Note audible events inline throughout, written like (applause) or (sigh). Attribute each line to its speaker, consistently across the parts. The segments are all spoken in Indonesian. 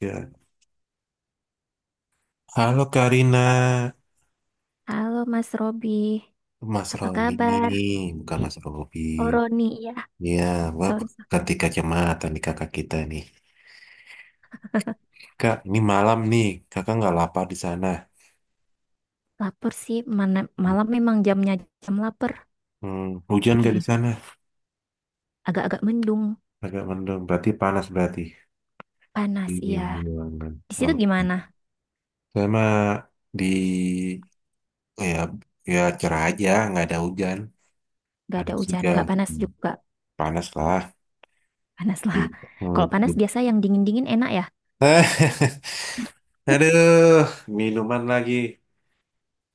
Speaker 1: Ya. Halo Karina,
Speaker 2: Halo Mas Robi,
Speaker 1: Mas
Speaker 2: apa
Speaker 1: Roni,
Speaker 2: kabar?
Speaker 1: bukan Mas Robi.
Speaker 2: Oh Roni, ya.
Speaker 1: Ya, wah,
Speaker 2: Sorry,
Speaker 1: ganti kacamata nih kakak kita nih. Kak, ini malam nih, kakak nggak lapar di sana.
Speaker 2: lapar sih. Mana, malam memang jamnya jam lapar.
Speaker 1: Hmm, hujan nggak di sana?
Speaker 2: (laughs) Agak-agak mendung,
Speaker 1: Agak mendung, berarti panas berarti.
Speaker 2: panas,
Speaker 1: Ini
Speaker 2: iya.
Speaker 1: di ruangan.
Speaker 2: Di situ
Speaker 1: Oke.
Speaker 2: gimana?
Speaker 1: Sama di, oh ya, ya cerah aja, nggak ada hujan.
Speaker 2: Gak ada
Speaker 1: Panas
Speaker 2: hujan,
Speaker 1: juga.
Speaker 2: gak panas
Speaker 1: Hmm,
Speaker 2: juga.
Speaker 1: Panas lah.
Speaker 2: Panas
Speaker 1: Hmm.
Speaker 2: lah. Kalau panas biasa yang dingin-dingin enak ya.
Speaker 1: (laughs) Aduh, minuman lagi.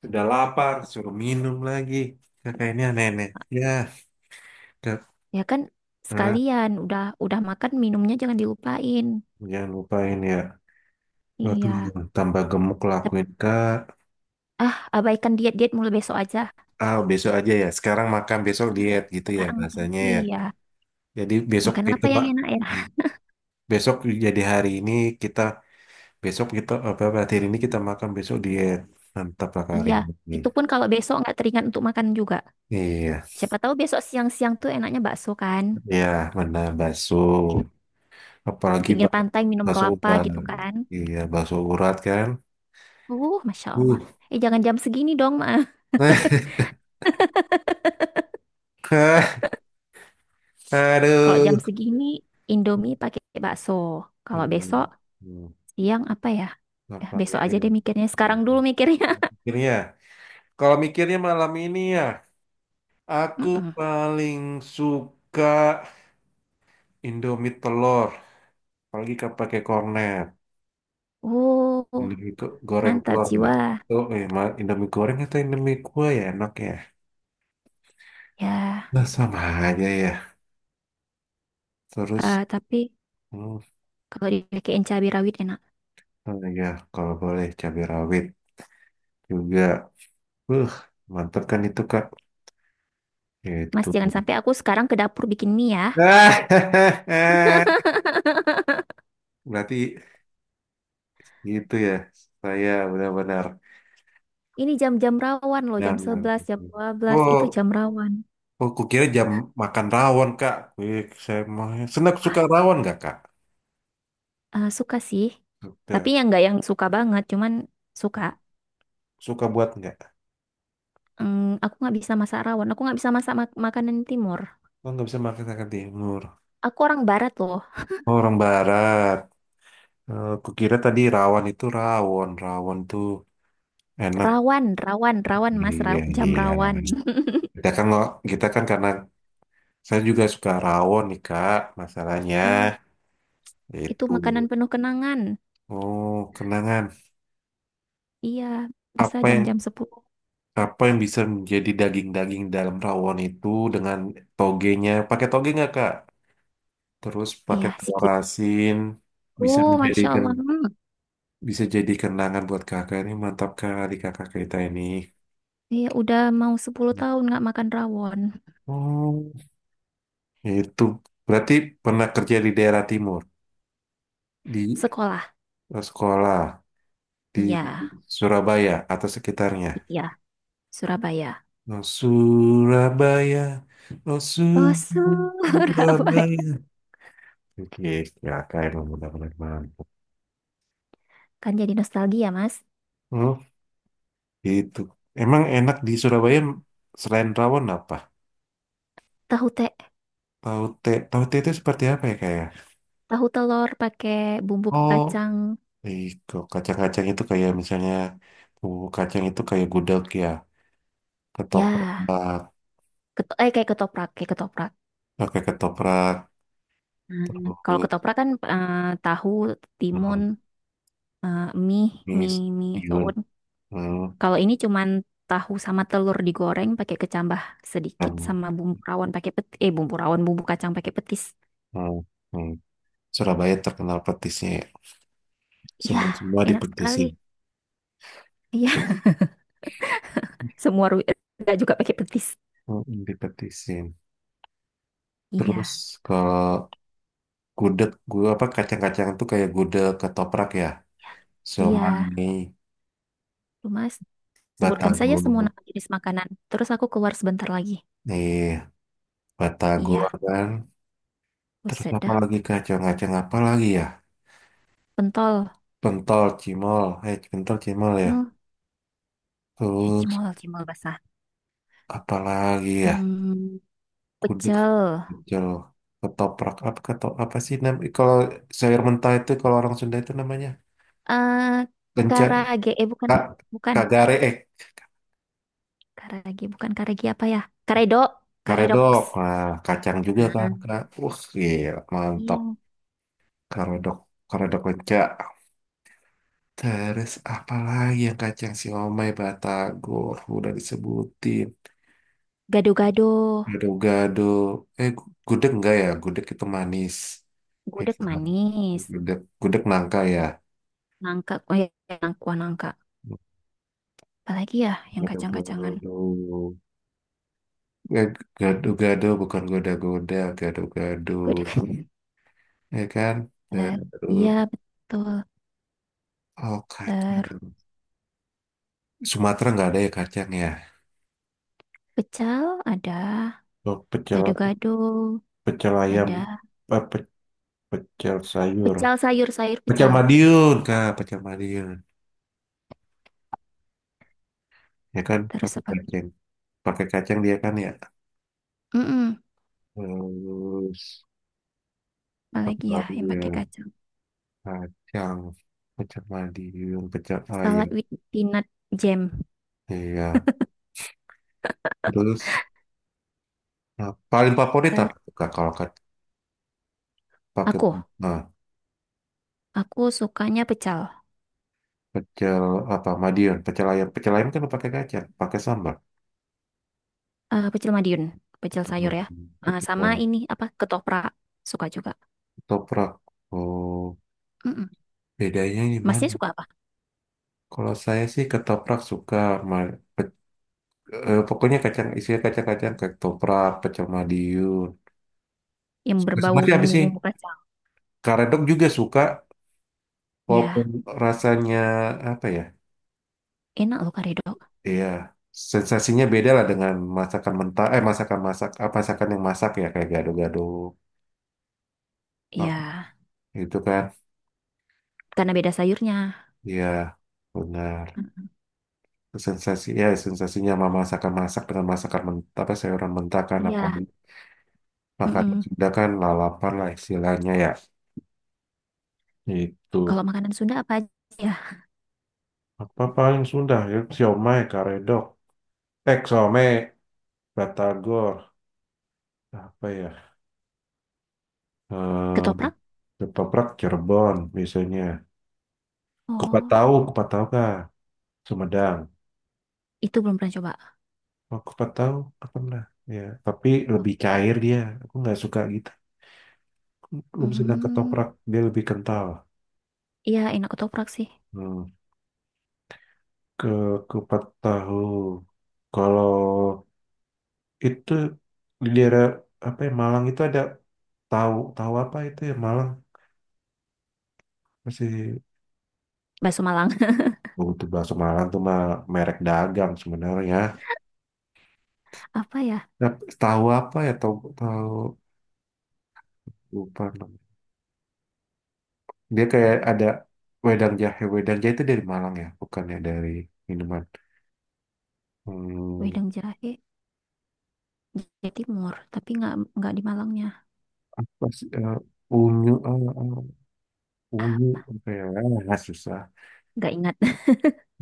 Speaker 1: Udah lapar, suruh minum lagi. Kakaknya nenek. Ya, kak.
Speaker 2: Ya kan
Speaker 1: Nah,
Speaker 2: sekalian, udah makan minumnya jangan dilupain.
Speaker 1: jangan lupain ya. Waduh,
Speaker 2: Iya.
Speaker 1: tambah gemuk
Speaker 2: Tep-
Speaker 1: lakuin kak.
Speaker 2: Ah, abaikan diet-diet mulai besok aja.
Speaker 1: Ah, besok aja ya. Sekarang makan, besok diet gitu ya
Speaker 2: Sekarang makan.
Speaker 1: bahasanya ya.
Speaker 2: Iya.
Speaker 1: Jadi besok
Speaker 2: Makan
Speaker 1: itu
Speaker 2: apa yang
Speaker 1: Pak.
Speaker 2: enak ya?
Speaker 1: Besok jadi hari ini kita, besok kita, apa, berarti hari ini kita makan, besok diet. Mantap lah Kak, hari
Speaker 2: Iya,
Speaker 1: ini.
Speaker 2: itu pun kalau besok nggak teringat untuk makan juga.
Speaker 1: Iya,
Speaker 2: Siapa tahu besok siang-siang tuh enaknya bakso kan.
Speaker 1: iya benar, bakso.
Speaker 2: Di
Speaker 1: Apalagi
Speaker 2: Pinggir pantai minum
Speaker 1: bakso
Speaker 2: kelapa
Speaker 1: urat.
Speaker 2: gitu kan.
Speaker 1: Iya, bakso urat kan.
Speaker 2: Masya Allah. Eh, jangan jam segini dong, Ma. (laughs)
Speaker 1: Uh. (laughs)
Speaker 2: Kalau
Speaker 1: Aduh.
Speaker 2: jam segini, Indomie pakai bakso. Kalau besok,
Speaker 1: Hmm. Hmm.
Speaker 2: siang apa ya? Eh,
Speaker 1: Lapangnya
Speaker 2: besok aja
Speaker 1: ya.
Speaker 2: deh mikirnya.
Speaker 1: Hmm.
Speaker 2: Sekarang dulu mikirnya.
Speaker 1: Mikirnya. Kalau mikirnya malam ini ya,
Speaker 2: (laughs)
Speaker 1: aku
Speaker 2: Mm-mm.
Speaker 1: paling suka Indomie telur. Apalagi kalau pakai kornet.
Speaker 2: Uh,
Speaker 1: Indomie goreng
Speaker 2: mantap
Speaker 1: telur ya.
Speaker 2: jiwa.
Speaker 1: Oh, eh, Indomie goreng atau Indomie kuah ya enak ya.
Speaker 2: Ya,
Speaker 1: Nah sama aja ya. Terus,
Speaker 2: tapi
Speaker 1: hmm,
Speaker 2: kalau dipakein cabai rawit enak.
Speaker 1: oh ya kalau boleh cabai rawit juga. Uh, mantap kan itu Kak.
Speaker 2: Mas,
Speaker 1: Itu.
Speaker 2: jangan sampai aku sekarang ke dapur bikin mie ya.
Speaker 1: (laughs)
Speaker 2: (laughs)
Speaker 1: Berarti gitu ya. Saya benar-benar
Speaker 2: Ini jam-jam rawan loh,
Speaker 1: nah,
Speaker 2: jam
Speaker 1: benar
Speaker 2: 11, jam 12, itu
Speaker 1: oh,
Speaker 2: jam rawan.
Speaker 1: oh, kukira jam makan rawon, Kak. Wih, saya mau senang suka rawon nggak, Kak?
Speaker 2: Eh, suka sih. Tapi
Speaker 1: Suka,
Speaker 2: yang nggak yang suka banget, cuman suka.
Speaker 1: suka buat nggak?
Speaker 2: Mm, aku nggak bisa masak rawan. Aku nggak bisa masak makanan timur.
Speaker 1: Oh, nggak bisa makan makan timur.
Speaker 2: Aku orang barat loh.
Speaker 1: Oh, orang barat. Eh, kukira tadi rawon itu rawon, rawon tuh enak.
Speaker 2: Rawan, rawan, rawan, Mas,
Speaker 1: Iya,
Speaker 2: jam
Speaker 1: iya.
Speaker 2: rawan. (laughs)
Speaker 1: Kita kan nggak, kita kan karena saya juga suka rawon nih, Kak. Masalahnya
Speaker 2: Ih, itu
Speaker 1: itu.
Speaker 2: makanan penuh kenangan.
Speaker 1: Oh, kenangan.
Speaker 2: Iya, bisa
Speaker 1: Apa yang
Speaker 2: jam-jam 10.
Speaker 1: Apa yang bisa menjadi daging-daging dalam rawon itu dengan togenya? Pakai toge nggak, Kak? Terus pakai
Speaker 2: Iya,
Speaker 1: telur
Speaker 2: sikit.
Speaker 1: asin bisa
Speaker 2: Oh, Masya
Speaker 1: menjadikan
Speaker 2: Allah. Hmm.
Speaker 1: bisa jadi kenangan buat kakak ini mantap kali kakak kita ini.
Speaker 2: Iya, udah mau 10 tahun nggak makan rawon.
Speaker 1: Oh, itu berarti pernah kerja di daerah timur, di
Speaker 2: Sekolah.
Speaker 1: eh, sekolah di
Speaker 2: Iya,
Speaker 1: Surabaya atau sekitarnya.
Speaker 2: iya, Surabaya.
Speaker 1: Oh, Surabaya, oh
Speaker 2: Oh, Surabaya.
Speaker 1: Surabaya. Oke, kakak emang benar-benar mantap.
Speaker 2: (laughs) Kan jadi nostalgia, Mas.
Speaker 1: Oh, gitu. Emang enak di Surabaya selain rawon apa?
Speaker 2: Tahu te,
Speaker 1: Taute, taute itu seperti apa ya kayak?
Speaker 2: tahu telur pakai bumbu
Speaker 1: Oh,
Speaker 2: kacang.
Speaker 1: Iko, kacang-kacang itu kayak misalnya bumbu kacang itu kayak gudeg ya,
Speaker 2: Ya,
Speaker 1: ketoprak,
Speaker 2: keto eh kayak ketoprak, kayak ketoprak.
Speaker 1: pakai ketoprak,
Speaker 2: Hmm, kalau
Speaker 1: terus
Speaker 2: ketoprak kan, tahu, timun,
Speaker 1: hmm,
Speaker 2: eh, mie,
Speaker 1: mis,
Speaker 2: mie, mie
Speaker 1: bihun,
Speaker 2: soun.
Speaker 1: hmm,
Speaker 2: Kalau ini cuman tahu sama telur digoreng pakai kecambah sedikit
Speaker 1: hmm,
Speaker 2: sama bumbu rawon pakai peti, eh bumbu rawon, bumbu kacang pakai petis.
Speaker 1: hmm, hmm. Surabaya terkenal petisnya ya.
Speaker 2: Iya,
Speaker 1: Semua semua
Speaker 2: enak sekali.
Speaker 1: dipetisin,
Speaker 2: Iya, (laughs) semua juga pakai petis.
Speaker 1: dipetisin. Terus
Speaker 2: Iya,
Speaker 1: kalau gudeg, gua apa kacang-kacang itu kayak gudeg ketoprak ya.
Speaker 2: iya.
Speaker 1: Somai,
Speaker 2: Tuh, Mas. Sebutkan saja
Speaker 1: Batagor,
Speaker 2: semua nama jenis makanan. Terus aku keluar sebentar lagi.
Speaker 1: eh, Batagor
Speaker 2: Iya,
Speaker 1: kan. Terus
Speaker 2: buset
Speaker 1: apa
Speaker 2: dah.
Speaker 1: lagi kacang-kacang apa lagi ya?
Speaker 2: Pentol.
Speaker 1: Pentol, cimol, eh pentol, cimol ya.
Speaker 2: Oh, ya
Speaker 1: Terus
Speaker 2: cimol basah.
Speaker 1: apa lagi ya?
Speaker 2: Hmm,
Speaker 1: Kuduk,
Speaker 2: pecel.
Speaker 1: pecel, ketoprak, apa ketop, apa sih nam? Kalau sayur mentah itu kalau orang Sunda itu namanya
Speaker 2: Eh,
Speaker 1: kencak,
Speaker 2: karage. Eh, bukan.
Speaker 1: kak,
Speaker 2: Bukan.
Speaker 1: kagare, eh
Speaker 2: Karage. Bukan karage apa ya? Karedo.
Speaker 1: karedok.
Speaker 2: Karedoks.
Speaker 1: Nah, kacang juga kan,
Speaker 2: Ah,
Speaker 1: kak. Wah, gila, mantap.
Speaker 2: iya.
Speaker 1: Karedok, karedok kencak. Terus apa lagi yang kacang siomay, batagor, udah disebutin.
Speaker 2: Gado-gado.
Speaker 1: Gado-gado. Eh, gudeg enggak ya? Gudeg itu manis. Eh,
Speaker 2: Gudeg
Speaker 1: sama.
Speaker 2: manis.
Speaker 1: Gudeg, gudeg nangka ya.
Speaker 2: Nangka. Oh ya, nangka. Wah, nangka. Apalagi ya yang
Speaker 1: Gado-gado.
Speaker 2: kacang-kacangan.
Speaker 1: Eh, gado-gado bukan goda-goda, gado-gado.
Speaker 2: Gudeg. (laughs)
Speaker 1: Ya kan?
Speaker 2: Eh, iya,
Speaker 1: Terus,
Speaker 2: betul.
Speaker 1: oh
Speaker 2: Ter
Speaker 1: kacang. Sumatera nggak ada ya kacang ya?
Speaker 2: pecel ada.
Speaker 1: Oh, pecel,
Speaker 2: Gado-gado,
Speaker 1: pecel ayam,
Speaker 2: ada
Speaker 1: apa, pecel sayur.
Speaker 2: pecel sayur-sayur
Speaker 1: Pecel
Speaker 2: pecel.
Speaker 1: Madiun, Kak. Pecel Madiun. Ya kan
Speaker 2: Terus apa lagi?
Speaker 1: pakai kacang dia kan ya,
Speaker 2: Mm-mm,
Speaker 1: terus
Speaker 2: apa
Speaker 1: apa
Speaker 2: lagi ya
Speaker 1: lagi
Speaker 2: yang
Speaker 1: ya
Speaker 2: pakai kacang?
Speaker 1: kacang pecel Madiun pecel ayam
Speaker 2: Salad with peanut jam.
Speaker 1: iya terus nah, paling favorit
Speaker 2: Ter
Speaker 1: apa tuh, Kak, kalau pakai
Speaker 2: aku,
Speaker 1: nah,
Speaker 2: aku sukanya pecel.
Speaker 1: pecel apa Madiun pecel ayam kan pakai kacang pakai sambal.
Speaker 2: Eh, pecel Madiun, pecel sayur
Speaker 1: Hmm,
Speaker 2: ya. Eh,
Speaker 1: pecel
Speaker 2: sama
Speaker 1: ayam.
Speaker 2: ini apa? Ketoprak, suka juga.
Speaker 1: Ketoprak oh
Speaker 2: Mm-mm.
Speaker 1: bedanya gimana
Speaker 2: Masnya suka apa?
Speaker 1: kalau saya sih ketoprak suka ma- pe- eh, pokoknya kacang isinya kacang-kacang ketoprak pecel Madiun.
Speaker 2: Yang
Speaker 1: Suka sama
Speaker 2: berbau
Speaker 1: sih habis sih?
Speaker 2: bumbu-bumbu kacang.
Speaker 1: Karedok juga suka, walaupun
Speaker 2: Ya,
Speaker 1: rasanya apa ya?
Speaker 2: enak loh karedok.
Speaker 1: Iya, sensasinya beda lah dengan masakan mentah, eh masakan masak, apa masakan yang masak ya kayak gado-gado apa
Speaker 2: Ya,
Speaker 1: gitu kan?
Speaker 2: karena beda sayurnya.
Speaker 1: Iya, benar. Sensasi, ya sensasinya sama masakan masak dengan masakan mentah, apa sayuran mentah kan apa
Speaker 2: Iya,
Speaker 1: makanan
Speaker 2: mm-mm.
Speaker 1: Sunda kan lalapan lah istilahnya ya. Itu
Speaker 2: Kalau makanan Sunda apa aja? Ya?
Speaker 1: apa paling Sunda ya? Siomay, karedok, eh siomay, batagor, apa ya? Eh
Speaker 2: Ketoprak?
Speaker 1: ketoprak Cirebon biasanya.
Speaker 2: Oh,
Speaker 1: Kupat tahu kah? Sumedang.
Speaker 2: itu belum pernah coba.
Speaker 1: Oh, kupat tahu, nggak pernah. Ya, tapi lebih cair dia. Aku nggak suka gitu. Belum sedang
Speaker 2: Hmm,
Speaker 1: ketoprak, dia lebih kental.
Speaker 2: iya enak ketoprak sih.
Speaker 1: Hmm. Ke kupat tahu. Kalau itu di daerah apa ya Malang itu ada tahu tahu apa itu ya Malang masih
Speaker 2: Bakso Malang. (laughs)
Speaker 1: oh, itu bakso Malang tuh mah merek dagang sebenarnya.
Speaker 2: Apa ya?
Speaker 1: Nah, tahu apa ya tahu tahu lupa. Dia kayak ada wedang jahe. Wedang jahe itu dari Malang ya, bukan ya dari minuman. Hmm,
Speaker 2: Wedang jahe Jawa Timur, tapi nggak di Malangnya.
Speaker 1: pas, eh, unyu, eh, eh, unyu,
Speaker 2: Apa?
Speaker 1: apa ya? Ah, susah.
Speaker 2: Nggak ingat. (laughs)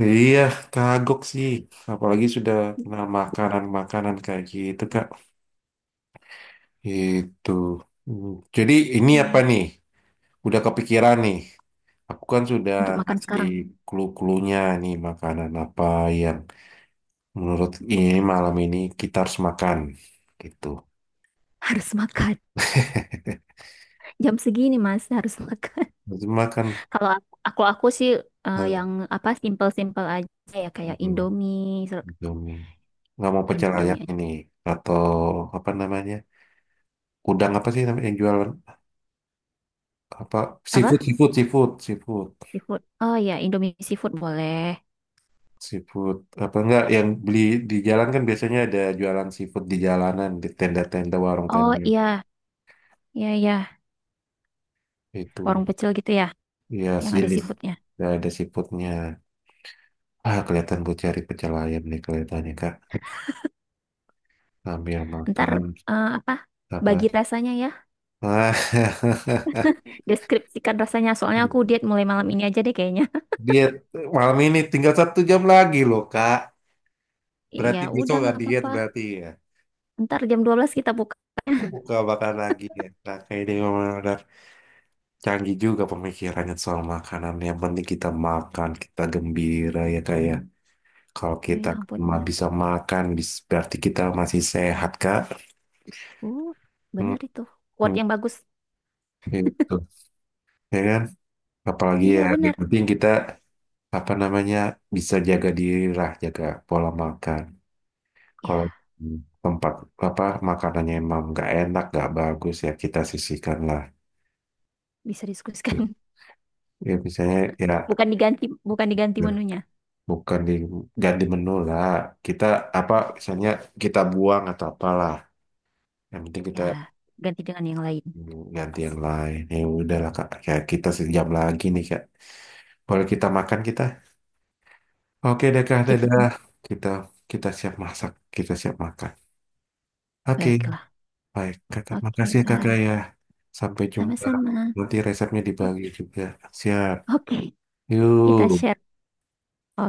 Speaker 1: Iya, kagok sih. Apalagi sudah kena makanan-makanan kayak gitu, Kak. Itu. Jadi ini apa
Speaker 2: Iya.
Speaker 1: nih? Udah kepikiran nih. Aku kan sudah
Speaker 2: Untuk makan
Speaker 1: ngasih
Speaker 2: sekarang
Speaker 1: clue-cluenya nih makanan apa yang menurut ini malam ini kita harus makan. Gitu.
Speaker 2: harus makan. Jam segini Mas harus makan.
Speaker 1: Itu makan
Speaker 2: (laughs) Kalau aku sih, yang
Speaker 1: eh,
Speaker 2: apa simple-simple aja ya kayak
Speaker 1: Indomie. Nggak mau pecel ayam
Speaker 2: Indomie aja.
Speaker 1: ini atau apa namanya? Udang apa sih namanya yang jualan apa seafood
Speaker 2: Apa?
Speaker 1: seafood seafood seafood
Speaker 2: Seafood. Oh iya, Indomie seafood boleh.
Speaker 1: seafood apa enggak yang beli di jalan kan biasanya ada jualan seafood di jalanan di tenda-tenda warung
Speaker 2: Oh
Speaker 1: tenda
Speaker 2: iya, iya iya,
Speaker 1: itu
Speaker 2: warung pecel gitu ya
Speaker 1: ya
Speaker 2: yang ada
Speaker 1: sejenis
Speaker 2: seafoodnya.
Speaker 1: ya, ada seafoodnya ah kelihatan gue cari pecel ayam nih kelihatannya kak ambil
Speaker 2: Ntar
Speaker 1: makan
Speaker 2: eh, apa?
Speaker 1: apa
Speaker 2: Bagi rasanya ya.
Speaker 1: ah.
Speaker 2: Deskripsikan rasanya. Soalnya aku
Speaker 1: (laughs)
Speaker 2: diet mulai malam ini aja deh kayaknya.
Speaker 1: Diet malam ini tinggal 1 jam lagi loh, Kak.
Speaker 2: (laughs) Ya
Speaker 1: Berarti besok
Speaker 2: udah
Speaker 1: nggak
Speaker 2: nggak
Speaker 1: diet
Speaker 2: apa-apa.
Speaker 1: berarti ya.
Speaker 2: Ntar jam 12 kita buka.
Speaker 1: Buka makan lagi ya. Nah, kayak dia memang udah canggih juga pemikirannya soal makanan. Yang penting kita makan, kita gembira ya kayak. Kalau
Speaker 2: Aduh,
Speaker 1: kita
Speaker 2: ya ampun.
Speaker 1: cuma
Speaker 2: Iya.
Speaker 1: bisa makan, berarti kita masih sehat, Kak.
Speaker 2: Uh,
Speaker 1: Hmm,
Speaker 2: bener itu. Quote
Speaker 1: hmm,
Speaker 2: yang bagus.
Speaker 1: gitu. Ya kan? Apalagi ya,
Speaker 2: Iya,
Speaker 1: yang
Speaker 2: bener.
Speaker 1: penting kita apa namanya bisa jaga diri lah, jaga pola makan. Kalau
Speaker 2: Ya,
Speaker 1: tempat apa makanannya emang nggak enak, nggak bagus ya kita sisihkan lah.
Speaker 2: bisa diskusikan. (laughs)
Speaker 1: Ya misalnya ya
Speaker 2: Bukan diganti, bukan diganti menunya.
Speaker 1: bukan di ganti menu lah. Kita apa misalnya kita buang atau apalah. Yang penting
Speaker 2: Ya,
Speaker 1: kita
Speaker 2: ganti dengan yang lain.
Speaker 1: ganti yang lain. Ya udahlah Kak, kayak kita 1 jam lagi nih Kak. Boleh kita makan kita? Oke deh Kak,
Speaker 2: Kita
Speaker 1: dadah.
Speaker 2: tunggu.
Speaker 1: Kita kita siap masak, kita siap makan. Oke,
Speaker 2: Baiklah.
Speaker 1: baik Kakak.
Speaker 2: Oke,
Speaker 1: Makasih ya Kakak
Speaker 2: baik.
Speaker 1: ya. Sampai jumpa.
Speaker 2: Sama-sama.
Speaker 1: Nanti resepnya
Speaker 2: O-
Speaker 1: dibagi juga. Siap.
Speaker 2: Oke, kita
Speaker 1: Yuk,
Speaker 2: share.